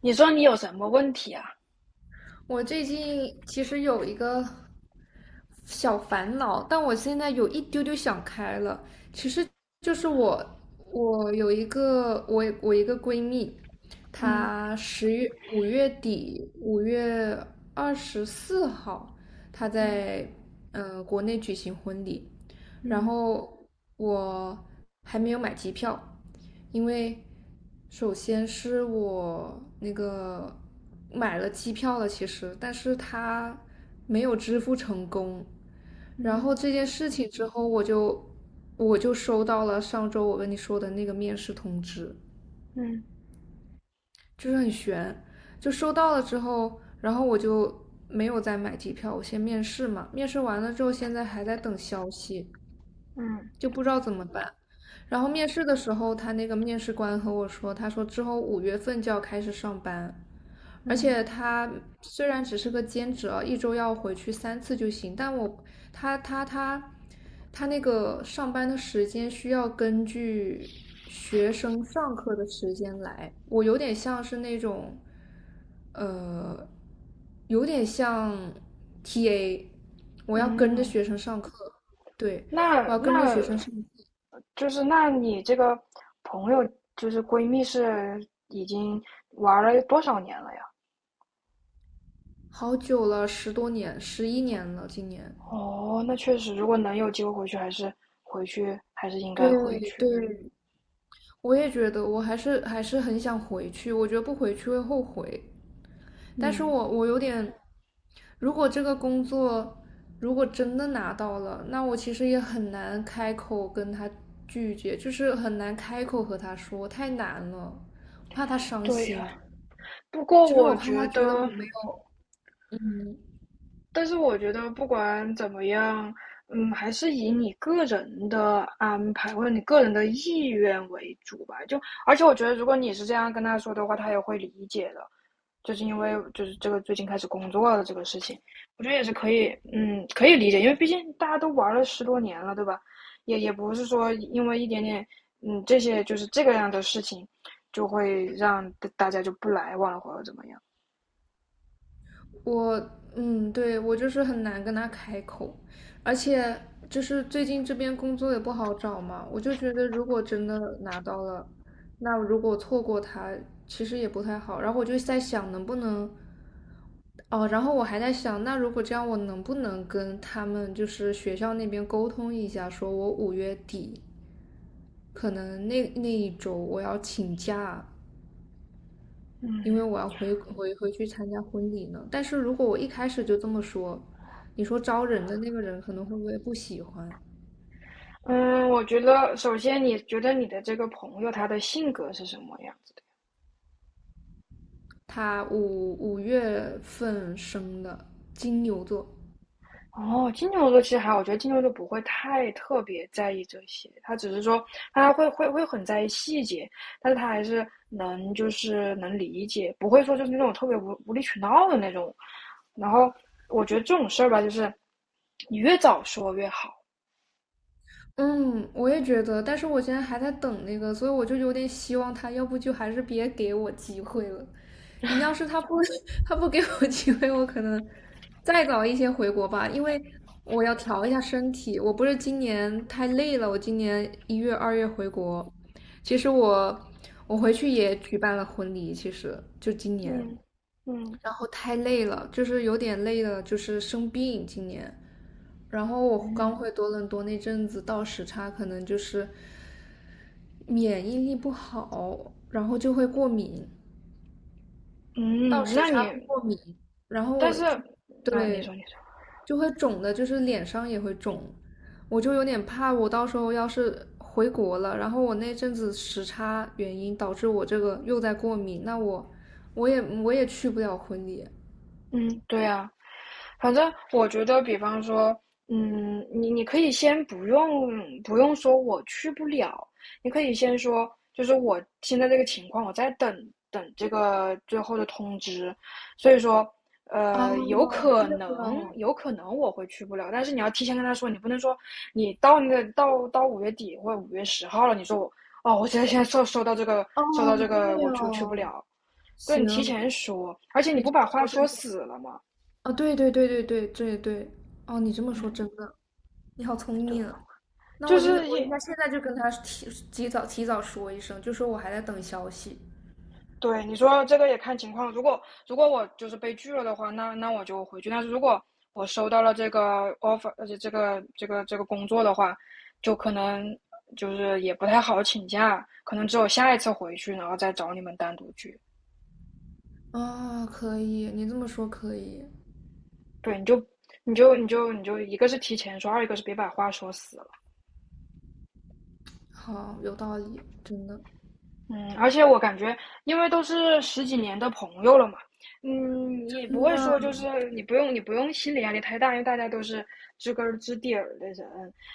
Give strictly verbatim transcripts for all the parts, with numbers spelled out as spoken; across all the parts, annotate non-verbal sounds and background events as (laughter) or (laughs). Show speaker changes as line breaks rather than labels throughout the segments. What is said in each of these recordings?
你说你有什么问题啊？
我最近其实有一个小烦恼，但我现在有一丢丢想开了。就是我，我有一个我我一个闺蜜，
嗯
她十月五月底五月二十四号，她
嗯
在嗯国内举行婚礼。然
嗯
后我还没有买机票，因为首先是我那个买了机票了，其实，但是她没有支付成功。然后这
嗯
件事情之后，我就我就收到了上周我跟你说的那个面试通知，
嗯
就是很悬。就收到了之后，然后我就没有再买机票，我先面试嘛，面试完了之后，现在还在等消息，
嗯
就不知道怎么办。然后面试的时候，他那个面试官和我说，他说之后五月份就要开始上班。而
嗯
且他虽然只是个兼职啊，一周要回去三次就行，但我他他他他那个上班的时间需要根据学生上课的时间来，我有点像是那种，有点像 T A，我要跟着
嗯，
学生上课。对，
那
我要跟着学
那
生上。
就是那你这个朋友，就是闺蜜，是已经玩了多少年了呀？
好久了，十多年，十一年了，今年。
哦，那确实，如果能有机会回去，还是回去，还是应该回
对
去。
对，我也觉得，我还是还是很想回去，我觉得不回去会后悔。但是
嗯，
我我有点，如果这个工作如果真的拿到了，那我其实也很难开口跟他拒绝，就是很难开口和他说，太难了，我怕他伤
对呀。
心，
不过
就是我
我
怕他
觉
觉得我
得，
没有。
但是我觉得不管怎么样，嗯，还是以你个人的安排或者你个人的意愿为主吧。就而且我觉得，如果你是这样跟他说的话，他也会理解的。就是因为就是这个最近开始工作了这个事情，我觉得也是可以，嗯，可以理解，因为毕竟大家都玩了十多年了，对吧？也也不是说因为一点点，嗯，这些就是这个样的事情，就会让大家就不来往了或者怎么样。
我嗯，对，我就是很难跟他开口。而且就是最近这边工作也不好找嘛，我就觉得如果真的拿到了，那如果错过他，其实也不太好。然后我就在想能不能，哦，然后我还在想，那如果这样，我能不能跟他们就是学校那边沟通一下，说我五月底可能那那一周我要请假，因
嗯，
为我要回回回去参加婚礼呢。但是如果我一开始就这么说，你说招人的那个人可能会不会不喜欢？
嗯，我觉得首先你觉得你的这个朋友他的性格是什么样子的？
他五五月份生的，金牛座。
哦，金牛座其实还好，我觉得金牛座不会太特别在意这些，他只是说他会会会很在意细节，但是他还是能就是能理解，不会说就是那种特别无无理取闹的那种。然后我觉得这种事儿吧，就是你越早说越好。
嗯，我也觉得，但是我现在还在等那个，所以我就有点希望他，要不就还是别给我机会了。你要是他不 (laughs) 他不给我机会，我可能再早一些回国吧，因为我要调一下身体。我不是今年太累了，我今年一月、二月回国。其实我我回去也举办了婚礼，其实就今年。
嗯嗯
然后太累了，就是有点累了，就是生病今年。然后我刚回多伦多那阵子倒时差，可能就是免疫力不好，然后就会过敏，倒
嗯，
时
那
差
你
会过敏，然后
但
我
是
就，
那你
对，
说你说，
就会肿的，就是脸上也会肿。我就有点怕，我到时候要是回国了，然后我那阵子时差原因导致我这个又在过敏，那我我也我也去不了婚礼。
嗯，对呀、反正我觉得，比方说，嗯，你你可以先不用不用说我去不了，你可以先说，就是我现在这个情况，我在等等这个最后的通知，所以说，呃，有
哦，
可
对
能
啊，
有可能我会去不了，但是你要提前跟他说，你不能说你到那个到到五月底或五月十号了，你说我哦，我现在现在收收到这个
哦，
收到这个，
对
我去我去不
哦，
了，对你提
行，
前说，而且你
你
不
这
把
么
话
说
说
真的。
死了吗？
啊、对对对对对对对，哦，你这么说
嗯，
真的，你好聪
对。
明啊。那
就
我应该，
是
我应
一
该现在就跟他提提早提早说一声，就说我还在等消息。
对你说这个也看情况，如果如果我就是被拒了的话，那那我就回去。但是如果我收到了这个 offer,而且这个这个这个工作的话，就可能就是也不太好请假，可能只有下一次回去，然后再找你们单独聚。
啊、可以，你这么说可以。
对，你就你就你就你就一个是提前说，二一个是别把话说死了。
好，有道理，真的，
嗯，而且我感觉，因为都是十几年的朋友了嘛，嗯，也不
真
会
的
说就是你不用你不用心理压力太大，因为大家都是知根儿知底儿的人，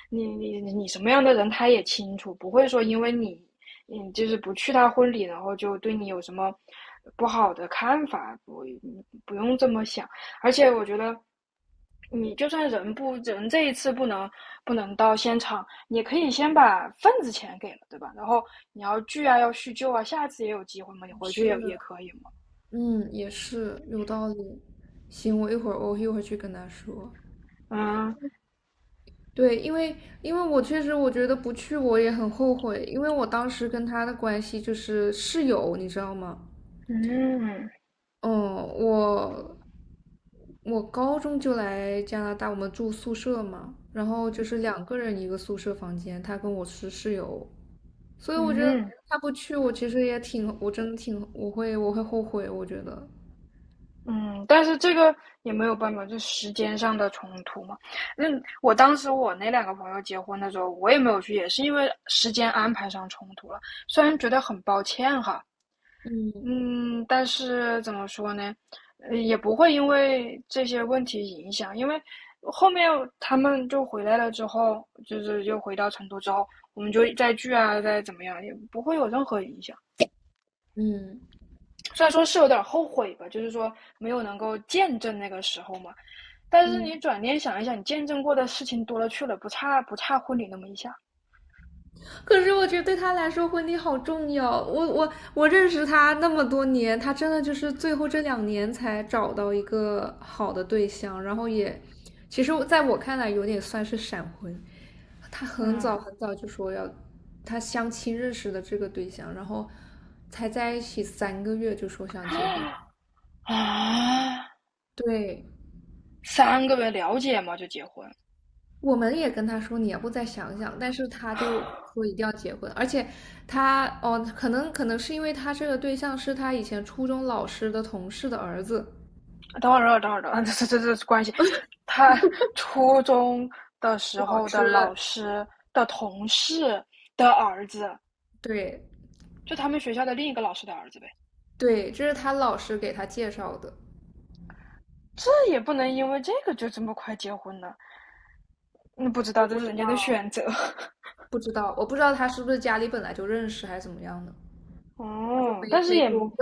你你你什么样的人他也清楚，不会说因为你你就是不去他婚礼，然后就对你有什么不好的看法，不不用这么想。而且我觉得，你就算人不人这一次不能不能到现场，也可以先把份子钱给了，对吧？然后你要聚啊，要叙旧啊，下次也有机会嘛，你回去
是，
也也可以嘛。
嗯，也是有道理。行，我一会儿我一会儿去跟他说。
嗯
对，因为因为我确实我觉得不去我也很后悔，因为我当时跟他的关系就是室友，你知道吗？
嗯
嗯，我我高中就来加拿大，我们住宿舍嘛，然后就是两个人一个宿舍房间，他跟我是室友，所以我觉得
嗯
他不去我其实也挺，我真的挺，我会我会后悔，我觉得。
嗯，但是这个也没有办法，就时间上的冲突嘛。那我当时我那两个朋友结婚的时候，我也没有去，也是因为时间安排上冲突了。虽然觉得很抱歉哈，
嗯
嗯，但是怎么说呢，呃也不会因为这些问题影响，因为后面他们就回来了之后，就是又回到成都之后，我们就再聚啊，再怎么样，也不会有任何影响。
嗯
虽然说是有点后悔吧，就是说没有能够见证那个时候嘛，但是
嗯。
你转念想一想，你见证过的事情多了去了，不差不差婚礼那么一下。
可是我觉得对他来说，婚礼好重要。我我我认识他那么多年，他真的就是最后这两年才找到一个好的对象，然后也，其实在我看来有点算是闪婚。他很
嗯
早很早就说要，他相亲认识的这个对象，然后才在一起三个月就说想结婚。
啊，
对，
三个月了解嘛就结婚，
我们也跟他说你要不再想想，但是他就说一定要结婚。而且他，哦，可能可能是因为他这个对象是他以前初中老师的同事的儿子，
等会儿，等会儿，等会儿，(laughs) 这这这这关系。他初中的时
老
候的
师。
老师的同事的儿子，
对
就他们学校的另一个老师的儿子呗。
对，这是他老师给他介绍的。
这也不能因为这个就这么快结婚呢？那不知道，这是人家的选择。
不知道我不知道他是不是家里本来就认识还是怎么样的，
(laughs)
我就
哦，
没
但是
没
也
多问。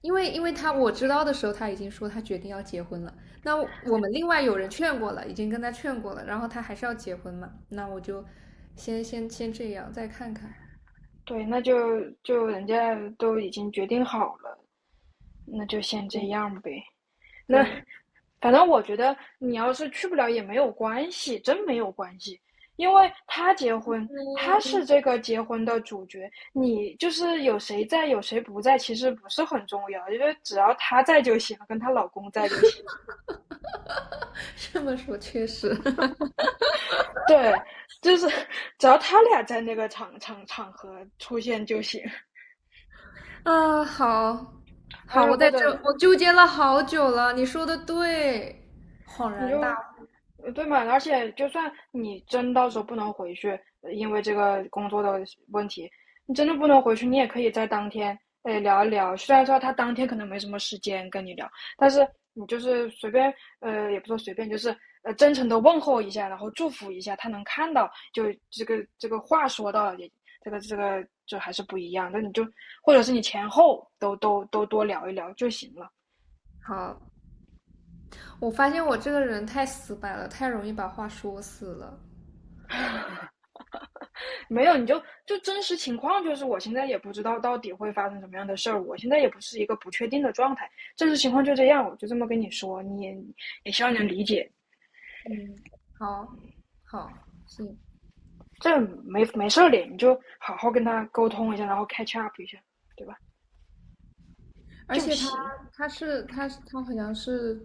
因为因为他我知道的时候他已经说他决定要结婚了，那我们另外有人劝过了，已经跟他劝过了，然后他还是要结婚嘛，那我就先先先这样，再看看。
对，那就就人家都已经决定好了，那就先这样呗。那
对，
反正我觉得你要是去不了也没有关系，真没有关系，因为他结婚，他是这个结婚的主角，你就是有谁在有谁不在，其实不是很重要，因为只要她在就行，跟她老公在就行。
(laughs) 这么说确实
对，就是 (laughs) 只要他俩在那个场场场合出现就行。
(laughs) 啊，好好，
哎，
我
或
在这，
者
我纠结了好久了。你说的对，恍
你就
然大悟。
呃对嘛？而且就算你真到时候不能回去，呃因为这个工作的问题，你真的不能回去，你也可以在当天哎聊一聊。虽然说他当天可能没什么时间跟你聊，但是你就是随便呃，也不说随便，就是呃真诚的问候一下，然后祝福一下，他能看到，就这个这个话说到也。这个这个就还是不一样，那你就或者是你前后都都都多聊一聊就行了。
好，我发现我这个人太死板了，太容易把话说死了。
没有，你就就真实情况就是，我现在也不知道到底会发生什么样的事儿，我现在也不是一个不确定的状态，真实情况就这样，我就这么跟你说，你也也希望你能理解，
嗯，好，好，行。
这没没事儿的，你就好好跟他沟通一下，然后 catch up 一下，对吧？
而
就
且他，
行。
他是，他他好像是，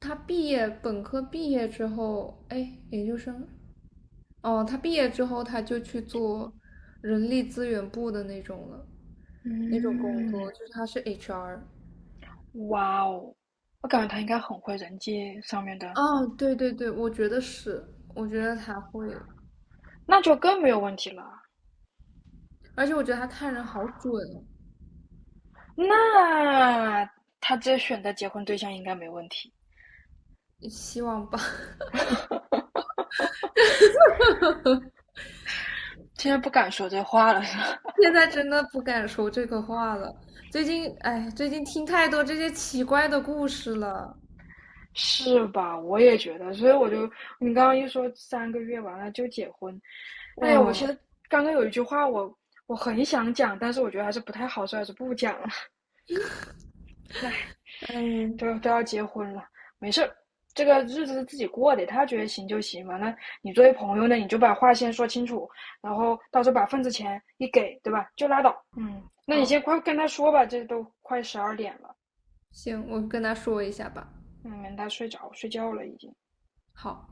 他毕业，本科毕业之后，哎，研究生哦，他毕业之后他就去做人力资源部的那种了，那种工
嗯，
作，就是他是 H R。
哇哦，我感觉他应该很会人际上面的，
哦，对对对，我觉得是，我觉得他会，
那就更没有问题了。
而且我觉得他看人好准哦。
那他这选择结婚对象应该没问题，
希望吧。(laughs)
现在不敢说这话了。(laughs)
现在真的不敢说这个话了。最近，哎，最近听太多这些奇怪的故事了。
是吧？我也觉得，所以我就你刚刚一说三个月完了就结婚，哎呀，我其
哇，
实刚刚有一句话我我很想讲，但是我觉得还是不太好，说，还是不讲了。(laughs) 哎，
嗯，
都都要结婚了，没事儿，这个日子是自己过的，他觉得行就行嘛。那你作为朋友呢，你就把话先说清楚，然后到时候把份子钱一给，对吧？就拉倒。嗯，那你先
好，
快跟他说吧，这都快十二点了，
行，我跟他说一下吧。
嗯，他睡着睡觉了已经。
好。